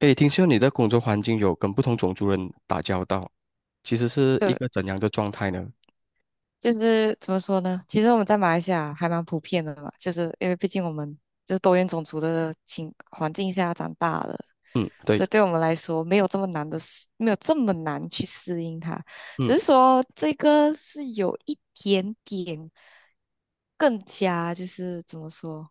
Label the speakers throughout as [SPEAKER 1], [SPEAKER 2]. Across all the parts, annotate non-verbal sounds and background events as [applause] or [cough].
[SPEAKER 1] 诶，听说你的工作环境有跟不同种族人打交道，其实是一
[SPEAKER 2] 对，
[SPEAKER 1] 个怎样的状态呢？
[SPEAKER 2] 就是怎么说呢？其实我们在马来西亚还蛮普遍的嘛，就是因为毕竟我们就是多元种族的情环境下长大的，
[SPEAKER 1] 嗯，对，
[SPEAKER 2] 所以对我们来说没有这么难的适，没有这么难去适应它。只
[SPEAKER 1] 嗯，
[SPEAKER 2] 是说这个是有一点点更加就是怎么说，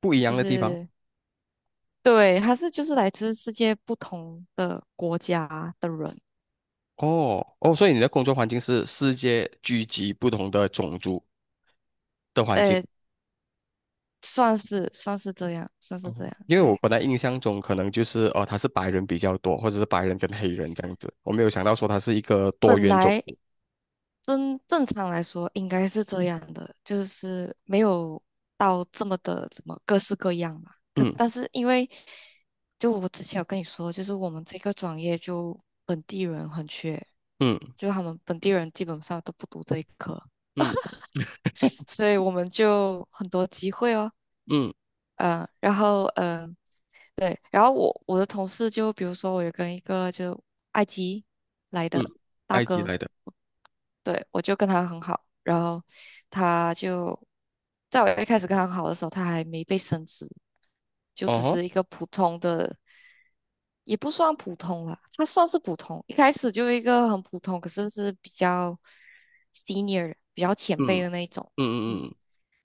[SPEAKER 1] 不一
[SPEAKER 2] 就
[SPEAKER 1] 样的地方。
[SPEAKER 2] 是对，他是就是来自世界不同的国家的人，
[SPEAKER 1] 哦，哦，所以你的工作环境是世界聚集不同的种族的环境，
[SPEAKER 2] 呃，算是这样，算是这样，
[SPEAKER 1] 因为
[SPEAKER 2] 对。
[SPEAKER 1] 我本来印象中可能就是哦，他是白人比较多，或者是白人跟黑人这样子，我没有想到说他是一个多
[SPEAKER 2] 本
[SPEAKER 1] 元种
[SPEAKER 2] 来
[SPEAKER 1] 族。
[SPEAKER 2] 正常来说应该是这样的，就是没有到这么的怎么各式各样嘛。可
[SPEAKER 1] 嗯
[SPEAKER 2] 但是因为就我之前有跟你说，就是我们这个专业就本地人很缺，
[SPEAKER 1] 嗯
[SPEAKER 2] 就他们本地人基本上都不读这一科，
[SPEAKER 1] 嗯
[SPEAKER 2] 所以我们就很多机会哦。
[SPEAKER 1] 嗯
[SPEAKER 2] 嗯、然后嗯、呃对，然后我的同事就比如说我有跟一个就埃及来
[SPEAKER 1] 嗯，嗯
[SPEAKER 2] 的大
[SPEAKER 1] 埃及
[SPEAKER 2] 哥。
[SPEAKER 1] 来的。
[SPEAKER 2] 对，我就跟他很好，然后他就在我一开始跟他很好的时候，他还没被升职，就
[SPEAKER 1] 哦
[SPEAKER 2] 只
[SPEAKER 1] 吼，
[SPEAKER 2] 是一个普通的，也不算普通啦，他算是普通，一开始就一个很普通，可是是比较 senior 比较前
[SPEAKER 1] 嗯
[SPEAKER 2] 辈的那一种，
[SPEAKER 1] 嗯嗯
[SPEAKER 2] 嗯
[SPEAKER 1] 嗯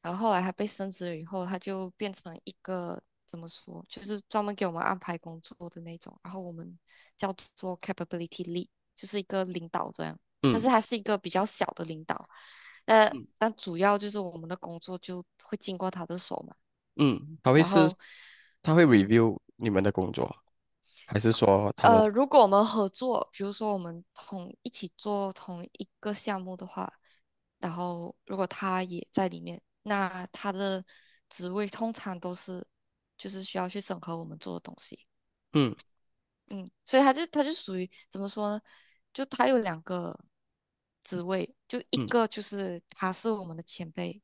[SPEAKER 2] 然后后来他被升职了以后，他就变成一个怎么说，就是专门给我们安排工作的那种，然后我们叫做 capability lead，就是一个领导这样，但
[SPEAKER 1] 嗯
[SPEAKER 2] 是他是一个比较小的领导，呃，
[SPEAKER 1] 嗯。
[SPEAKER 2] 但主要就是我们的工作就会经过他的手嘛，
[SPEAKER 1] 嗯
[SPEAKER 2] 然后，
[SPEAKER 1] 他会
[SPEAKER 2] 嗯，
[SPEAKER 1] review 你们的工作，还是说他们
[SPEAKER 2] 如果我们合作，比如说我们同一起做同一个项目的话，然后如果他也在里面，那他的职位通常都是就是需要去审核我们做的东西。
[SPEAKER 1] 嗯
[SPEAKER 2] 嗯，所以他就属于怎么说呢？就他有两个职位，就一
[SPEAKER 1] 嗯
[SPEAKER 2] 个就是他是我们的前辈，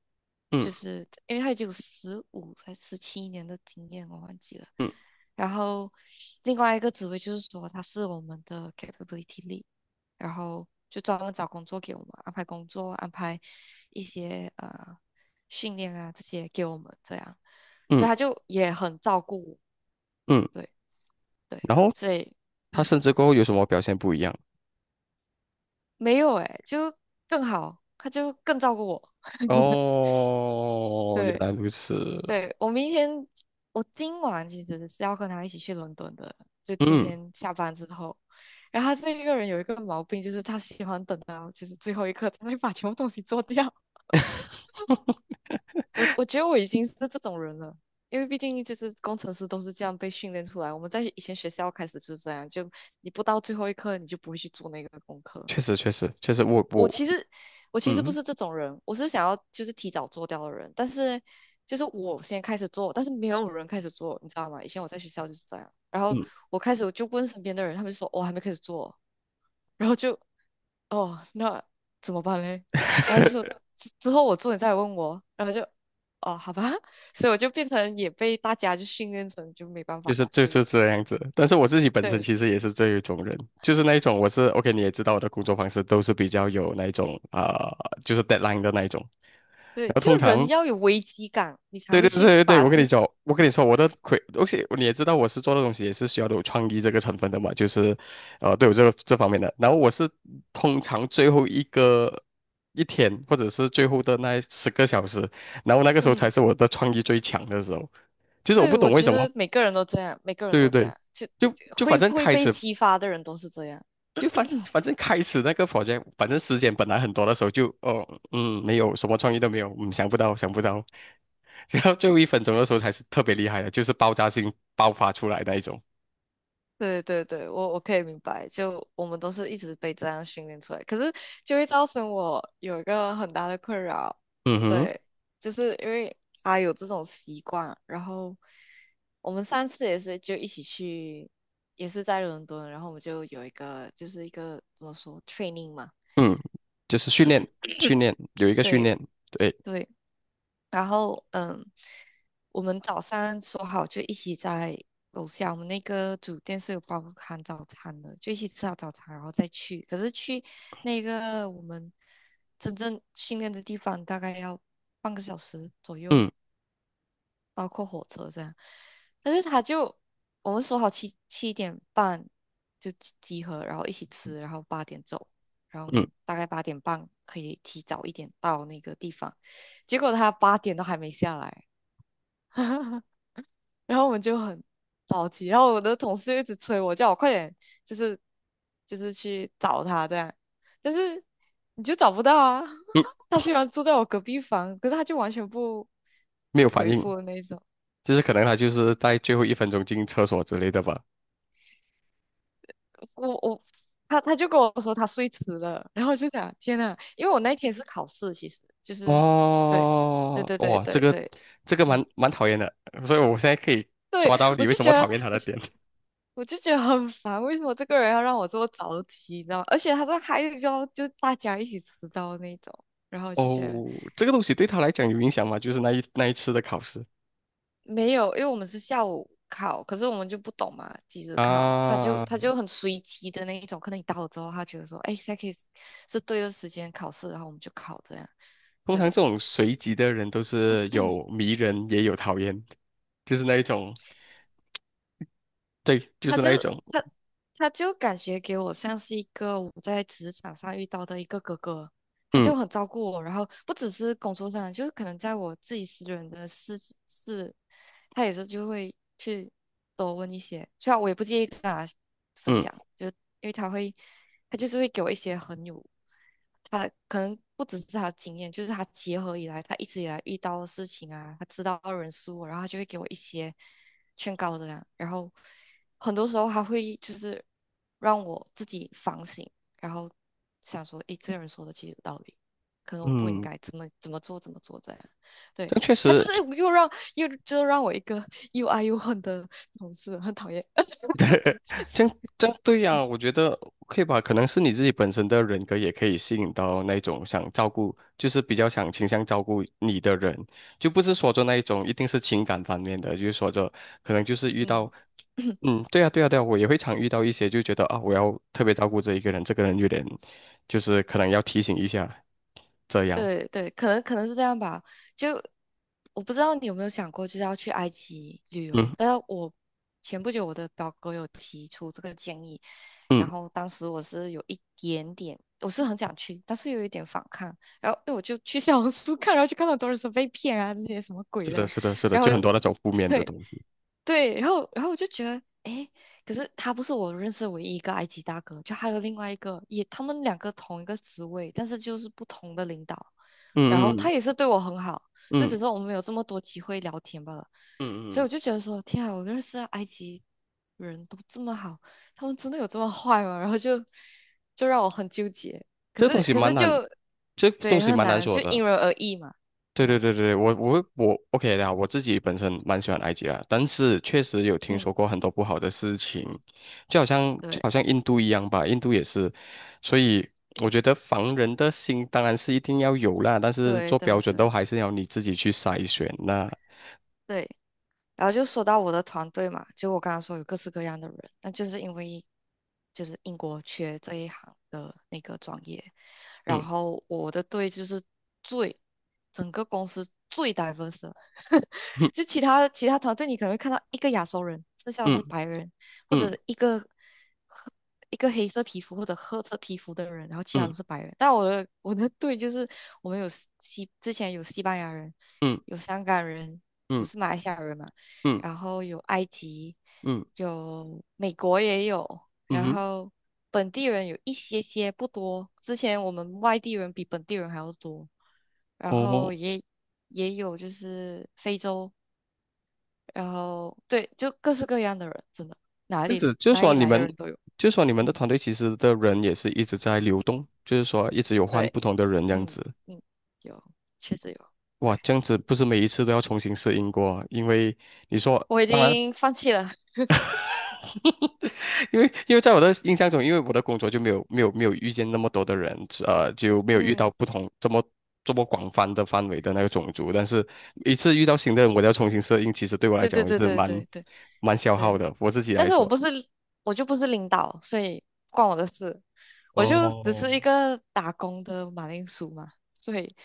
[SPEAKER 2] 就
[SPEAKER 1] 嗯
[SPEAKER 2] 是因为他已经有15才17年的经验，我忘记了。
[SPEAKER 1] 嗯
[SPEAKER 2] 然后另外一个职位就是说他是我们的 capability lead，然后就专门找工作给我们安排工作，安排一些训练啊这些给我们这样，
[SPEAKER 1] 嗯
[SPEAKER 2] 所以他就也很照顾我，
[SPEAKER 1] 嗯，
[SPEAKER 2] 对对，
[SPEAKER 1] 然后
[SPEAKER 2] 所以。
[SPEAKER 1] 他
[SPEAKER 2] 嗯。
[SPEAKER 1] 甚至过后有什么表现不一样？
[SPEAKER 2] 没有哎，就更好，他就更照顾我。[laughs]
[SPEAKER 1] 哦，原
[SPEAKER 2] 对
[SPEAKER 1] 来如此，
[SPEAKER 2] 对，我明天我今晚其实是要跟他一起去伦敦的，就今
[SPEAKER 1] 嗯
[SPEAKER 2] 天下班之后。然后他这一个人有一个毛病，就是他喜欢等到就是最后一刻才会把全部东西做掉。我觉得我已经是这种人了，因为毕竟就是工程师都是这样被训练出来。我们在以前学校开始就是这样，就你不到最后一刻，你就不会去做那个功课。
[SPEAKER 1] 确实确实确实，我
[SPEAKER 2] 我
[SPEAKER 1] 我
[SPEAKER 2] 其实我其实不
[SPEAKER 1] 嗯
[SPEAKER 2] 是这种人，我是想要就是提早做掉的人，但是就是我先开始做，但是没有人开始做，你知道吗？以前我在学校就是这样，然后
[SPEAKER 1] 嗯
[SPEAKER 2] 我开始我就问身边的人，他们就说哦还没开始做，然后就哦那怎么办嘞？然后就说之后我做你再来问我，然后就哦好吧，所以我就变成也被大家就训练成就没办
[SPEAKER 1] 就
[SPEAKER 2] 法，
[SPEAKER 1] 是就
[SPEAKER 2] 就
[SPEAKER 1] 是这样子。但是我自己本身
[SPEAKER 2] 对
[SPEAKER 1] 其实也是这一种人，就是那一种我是 OK，你也知道我的工作方式都是比较有那一种啊，就是 deadline 的那一种。然
[SPEAKER 2] 对，
[SPEAKER 1] 后
[SPEAKER 2] 就
[SPEAKER 1] 通
[SPEAKER 2] 人
[SPEAKER 1] 常
[SPEAKER 2] 要有危机感，你才
[SPEAKER 1] 对
[SPEAKER 2] 会
[SPEAKER 1] 对对
[SPEAKER 2] 去
[SPEAKER 1] 对对，
[SPEAKER 2] 把
[SPEAKER 1] 我跟你
[SPEAKER 2] 自己
[SPEAKER 1] 讲，我跟你说，我的亏，而且你也知道，我是做的东西也是需要有创意这个成分的嘛，就是，对我这个这方面的。然后我是通常最后一个一天，或者是最后的那10个小时，然后那个时候才
[SPEAKER 2] 嗯。
[SPEAKER 1] 是我的创意最强的时候。其实我不
[SPEAKER 2] 对，我
[SPEAKER 1] 懂为
[SPEAKER 2] 觉
[SPEAKER 1] 什么，
[SPEAKER 2] 得每个人都这样，每个人
[SPEAKER 1] 对对
[SPEAKER 2] 都这
[SPEAKER 1] 对，
[SPEAKER 2] 样，就
[SPEAKER 1] 就
[SPEAKER 2] 就
[SPEAKER 1] 就反
[SPEAKER 2] 会
[SPEAKER 1] 正
[SPEAKER 2] 会
[SPEAKER 1] 开
[SPEAKER 2] 被
[SPEAKER 1] 始。
[SPEAKER 2] 激发的人都是这样。
[SPEAKER 1] 就反正开始那个房间，反正时间本来很多的时候就，哦，嗯，没有什么创意都没有，嗯，想不到，想不到，[laughs] 然后最后一分钟的时候才是特别厉害的，就是爆炸性爆发出来那一种。
[SPEAKER 2] 对对对，我可以明白，就我们都是一直被这样训练出来，可是就会造成我有一个很大的困扰，
[SPEAKER 1] 嗯哼，
[SPEAKER 2] 对，就是因为他有这种习惯，然后我们上次也是就一起去，也是在伦敦，然后我们就有一个就是一个怎么说 training 嘛，
[SPEAKER 1] 嗯，就是训练，训练有一个训
[SPEAKER 2] 对
[SPEAKER 1] 练，对，
[SPEAKER 2] 对，然后我们早上说好就一起在楼下，我们那个酒店是有包含早餐的，就一起吃好早餐，然后再去。可是去那个我们真正训练的地方大概要半个小时左右，
[SPEAKER 1] 嗯
[SPEAKER 2] 包括火车这样。但是他就我们说好七点半就集合，然后一起吃，然后八点走。然后我
[SPEAKER 1] 嗯
[SPEAKER 2] 们大概8:30可以提早一点到那个地方，结果他八点都还没下来，[laughs] 然后我们就很着急，然后我的同事就一直催我，叫我快点，就是就是去找他这样，但是你就找不到啊。
[SPEAKER 1] 嗯，
[SPEAKER 2] [laughs] 他虽然住在我隔壁房，可是他就完全不
[SPEAKER 1] 没有
[SPEAKER 2] 不
[SPEAKER 1] 反
[SPEAKER 2] 回
[SPEAKER 1] 应，
[SPEAKER 2] 复的那一种。
[SPEAKER 1] 就是可能他就是在最后一分钟进厕所之类的吧。
[SPEAKER 2] 我我他就跟我说他睡迟了，然后我就想天呐，因为我那一天是考试，其实就是对对
[SPEAKER 1] 哦，
[SPEAKER 2] 对对
[SPEAKER 1] 哇，这
[SPEAKER 2] 对
[SPEAKER 1] 个
[SPEAKER 2] 对，
[SPEAKER 1] 这个
[SPEAKER 2] 嗯。
[SPEAKER 1] 蛮讨厌的，所以我现在可以
[SPEAKER 2] [laughs] 对，
[SPEAKER 1] 抓到你
[SPEAKER 2] 我
[SPEAKER 1] 为
[SPEAKER 2] 就
[SPEAKER 1] 什
[SPEAKER 2] 觉
[SPEAKER 1] 么
[SPEAKER 2] 得，
[SPEAKER 1] 讨厌他
[SPEAKER 2] 我
[SPEAKER 1] 的
[SPEAKER 2] 就
[SPEAKER 1] 点。
[SPEAKER 2] 我就觉得很烦，为什么这个人要让我这么早起，你知道吗？而且他说还有要就大家一起迟到那种，然后就觉得
[SPEAKER 1] 哦，这个东西对他来讲有影响吗？就是那一次的考试
[SPEAKER 2] 没有，因为我们是下午考，可是我们就不懂嘛，几时考，他就
[SPEAKER 1] 啊，
[SPEAKER 2] 他就很随机的那一种，可能你到了之后，他觉得说，哎，现在可以是对的时间考试，然后我们就考这样，
[SPEAKER 1] 通常这
[SPEAKER 2] 对，
[SPEAKER 1] 种随机的人都是有迷人也有讨厌，就是那一种，对，就
[SPEAKER 2] 他
[SPEAKER 1] 是
[SPEAKER 2] 就
[SPEAKER 1] 那一种，
[SPEAKER 2] 他他就感觉给我像是一个我在职场上遇到的一个哥哥。他
[SPEAKER 1] 嗯
[SPEAKER 2] 就很照顾我，然后不只是工作上，就是可能在我自己私人的事，他也是就会去多问一些。虽然我也不介意跟他分
[SPEAKER 1] 嗯
[SPEAKER 2] 享，就因为他会，他就是会给我一些很有，他可能不只是他的经验，就是他结合以来，他一直以来遇到的事情啊，他知道的人事物，然后他就会给我一些劝告的啦。然后很多时候他会就是让我自己反省。然后想说，诶，这个人说的其实有道理，可能我不应
[SPEAKER 1] 嗯，
[SPEAKER 2] 该怎么怎么做怎么做这样。对，
[SPEAKER 1] 但确
[SPEAKER 2] 他就
[SPEAKER 1] 实
[SPEAKER 2] 是又让又就让我一个又爱又恨的同事，很讨厌。
[SPEAKER 1] 对，
[SPEAKER 2] [laughs]
[SPEAKER 1] [laughs] 这样这样对呀，我觉得可以吧，可能是你自己本身的人格也可以吸引到那种想照顾，就是比较想倾向照顾你的人，就不是说着那一种一定是情感方面的，就是说着可能就是遇到，
[SPEAKER 2] 嗯。[clears throat]
[SPEAKER 1] 嗯，对呀对呀对呀，我也会常遇到一些就觉得啊，我要特别照顾这一个人，这个人有点就是可能要提醒一下这样，
[SPEAKER 2] 对对，可能是这样吧。就我不知道你有没有想过，就是要去埃及旅
[SPEAKER 1] 嗯
[SPEAKER 2] 游。但是前不久我的表哥有提出这个建议，然
[SPEAKER 1] 嗯，
[SPEAKER 2] 后当时我是有一点点，我是很想去，但是有一点反抗。然后因为我就去 [laughs] 小红书看，然后就看到很多人说被骗啊，这些什么鬼
[SPEAKER 1] 是的
[SPEAKER 2] 的，
[SPEAKER 1] 是的是的，
[SPEAKER 2] 然后。
[SPEAKER 1] 就很多那种负
[SPEAKER 2] [laughs]
[SPEAKER 1] 面的
[SPEAKER 2] 对。
[SPEAKER 1] 东西，
[SPEAKER 2] 对，然后我就觉得，诶，可是他不是我认识的唯一一个埃及大哥，就还有另外一个，也他们两个同一个职位，但是就是不同的领导。然
[SPEAKER 1] 嗯
[SPEAKER 2] 后
[SPEAKER 1] 嗯
[SPEAKER 2] 他也是对我很好，就
[SPEAKER 1] 嗯
[SPEAKER 2] 只
[SPEAKER 1] 嗯
[SPEAKER 2] 是我们没有这么多机会聊天罢了。所
[SPEAKER 1] 嗯嗯。
[SPEAKER 2] 以
[SPEAKER 1] 嗯
[SPEAKER 2] 我就觉得说，天啊，我认识的埃及人都这么好，他们真的有这么坏吗？然后就让我很纠结。可
[SPEAKER 1] 这东
[SPEAKER 2] 是
[SPEAKER 1] 西
[SPEAKER 2] 可
[SPEAKER 1] 蛮
[SPEAKER 2] 是就
[SPEAKER 1] 难，这东
[SPEAKER 2] 对，
[SPEAKER 1] 西
[SPEAKER 2] 很
[SPEAKER 1] 蛮难
[SPEAKER 2] 难，
[SPEAKER 1] 说
[SPEAKER 2] 就因
[SPEAKER 1] 的。
[SPEAKER 2] 人而异嘛。
[SPEAKER 1] 对
[SPEAKER 2] 对啊，
[SPEAKER 1] 对对对，我 OK 的啊，我自己本身蛮喜欢埃及啦，但是确实有听
[SPEAKER 2] 嗯，
[SPEAKER 1] 说过很多不好的事情，就好像就
[SPEAKER 2] 对
[SPEAKER 1] 好像印度一样吧，印度也是，所以我觉得防人的心当然是一定要有啦，但是
[SPEAKER 2] 对
[SPEAKER 1] 做标
[SPEAKER 2] 对
[SPEAKER 1] 准都
[SPEAKER 2] 对
[SPEAKER 1] 还是要你自己去筛选啦。
[SPEAKER 2] 对。然后就说到我的团队嘛，就我刚刚说有各式各样的人，那就是因为就是英国缺这一行的那个专业，然
[SPEAKER 1] 嗯
[SPEAKER 2] 后我的队就是最整个公司最 diverse，的 [laughs] 就其他团队你可能会看到一个亚洲人，剩下的
[SPEAKER 1] 嗯
[SPEAKER 2] 是白人或
[SPEAKER 1] 嗯
[SPEAKER 2] 者一个褐一个黑色皮肤或者褐色皮肤的人，然后其他
[SPEAKER 1] 嗯
[SPEAKER 2] 都是白人。但我的队就是我们之前有西班牙人，
[SPEAKER 1] 嗯嗯
[SPEAKER 2] 有香港人，我
[SPEAKER 1] 嗯
[SPEAKER 2] 是马来西亚人嘛。
[SPEAKER 1] 嗯
[SPEAKER 2] 然后有埃及，
[SPEAKER 1] 嗯
[SPEAKER 2] 有美国也有，然
[SPEAKER 1] 嗯，嗯
[SPEAKER 2] 后本地人有一些不多，之前我们外地人比本地人还要多，然
[SPEAKER 1] 哦
[SPEAKER 2] 后也有就是非洲，然后对，就各式各样的人，真的哪
[SPEAKER 1] 这样
[SPEAKER 2] 里
[SPEAKER 1] 子就是
[SPEAKER 2] 哪
[SPEAKER 1] 说
[SPEAKER 2] 里
[SPEAKER 1] 你
[SPEAKER 2] 来的
[SPEAKER 1] 们，
[SPEAKER 2] 人都有，
[SPEAKER 1] 就是说你们的
[SPEAKER 2] 嗯，
[SPEAKER 1] 团队其实的人也是一直在流动，就是说一直有换
[SPEAKER 2] 对，
[SPEAKER 1] 不同的人这样
[SPEAKER 2] 嗯
[SPEAKER 1] 子。
[SPEAKER 2] 嗯，有，确实有，对，
[SPEAKER 1] 哇，这样子不是每一次都要重新适应过啊因为你说，
[SPEAKER 2] 我已
[SPEAKER 1] 当然，
[SPEAKER 2] 经放弃了，
[SPEAKER 1] [laughs] 因为在我的印象中，因为我的工作就没有遇见那么多的人，就没有遇到
[SPEAKER 2] 嗯，
[SPEAKER 1] 不同这么广泛的范围的那个种族。但是一次遇到新的人，我都要重新适应，其实对我来
[SPEAKER 2] 对
[SPEAKER 1] 讲，
[SPEAKER 2] 对
[SPEAKER 1] 我也
[SPEAKER 2] 对
[SPEAKER 1] 是
[SPEAKER 2] 对
[SPEAKER 1] 蛮
[SPEAKER 2] 对对
[SPEAKER 1] 蛮消耗
[SPEAKER 2] 对。
[SPEAKER 1] 的，我自己
[SPEAKER 2] 但
[SPEAKER 1] 来
[SPEAKER 2] 是我
[SPEAKER 1] 说。
[SPEAKER 2] 不是，我就不是领导，所以不关我的事，我就只
[SPEAKER 1] 哦，
[SPEAKER 2] 是一个打工的马铃薯嘛，所以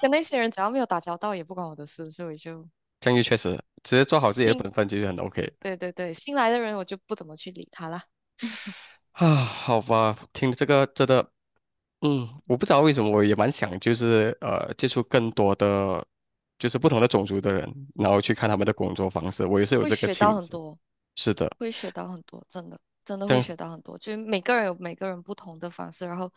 [SPEAKER 2] 跟那些人只要没有打交道，也不关我的事，所以就
[SPEAKER 1] 这样就确实直接做好自己的
[SPEAKER 2] 新，
[SPEAKER 1] 本分就是很 OK
[SPEAKER 2] 对对对，新来的人我就不怎么去理他啦，
[SPEAKER 1] 啊。好吧，听这个真的，嗯，我不知道为什么，我也蛮想就是接触更多的就是不同的种族的人，然后去看他们的工作方式，我也是有
[SPEAKER 2] 会
[SPEAKER 1] 这个
[SPEAKER 2] 学
[SPEAKER 1] 倾
[SPEAKER 2] 到很
[SPEAKER 1] 向。
[SPEAKER 2] 多，
[SPEAKER 1] 是的，
[SPEAKER 2] 会学到很多，真的真的
[SPEAKER 1] 这
[SPEAKER 2] 会
[SPEAKER 1] 样，
[SPEAKER 2] 学到很多，就是每个人有每个人不同的方式，然后。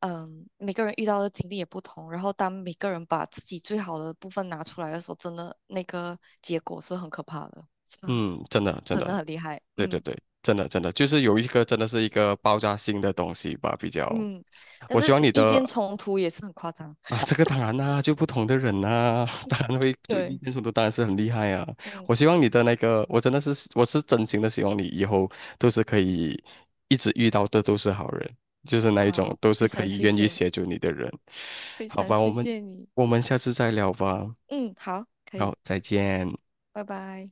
[SPEAKER 2] 嗯，每个人遇到的经历也不同，然后当每个人把自己最好的部分拿出来的时候，真的那个结果是很可怕的。
[SPEAKER 1] 嗯，真的真
[SPEAKER 2] 真的
[SPEAKER 1] 的，
[SPEAKER 2] 很厉害，
[SPEAKER 1] 对对
[SPEAKER 2] 嗯
[SPEAKER 1] 对，真的真的，就是有一个真的是一个爆炸性的东西吧，比较。
[SPEAKER 2] 嗯，但
[SPEAKER 1] 我希
[SPEAKER 2] 是
[SPEAKER 1] 望你
[SPEAKER 2] 意见
[SPEAKER 1] 的
[SPEAKER 2] 冲突也是很夸张，
[SPEAKER 1] 啊，这个当然啦，就不同的人呐，[laughs] 当然会最意
[SPEAKER 2] 对，
[SPEAKER 1] 见冲的当然是很厉害啊。
[SPEAKER 2] 嗯，
[SPEAKER 1] 我希望你的那个，我是真心的希望你以后都是可以一直遇到的都是好人，就是那一种
[SPEAKER 2] 好，
[SPEAKER 1] 都是
[SPEAKER 2] 非
[SPEAKER 1] 可
[SPEAKER 2] 常
[SPEAKER 1] 以
[SPEAKER 2] 谢
[SPEAKER 1] 愿意
[SPEAKER 2] 谢你，
[SPEAKER 1] 协助你的人。
[SPEAKER 2] 非
[SPEAKER 1] 好
[SPEAKER 2] 常
[SPEAKER 1] 吧，我
[SPEAKER 2] 谢
[SPEAKER 1] 们
[SPEAKER 2] 谢你，
[SPEAKER 1] 我们下次再聊吧。
[SPEAKER 2] 嗯，好，可以，
[SPEAKER 1] 好，再见。
[SPEAKER 2] 拜拜。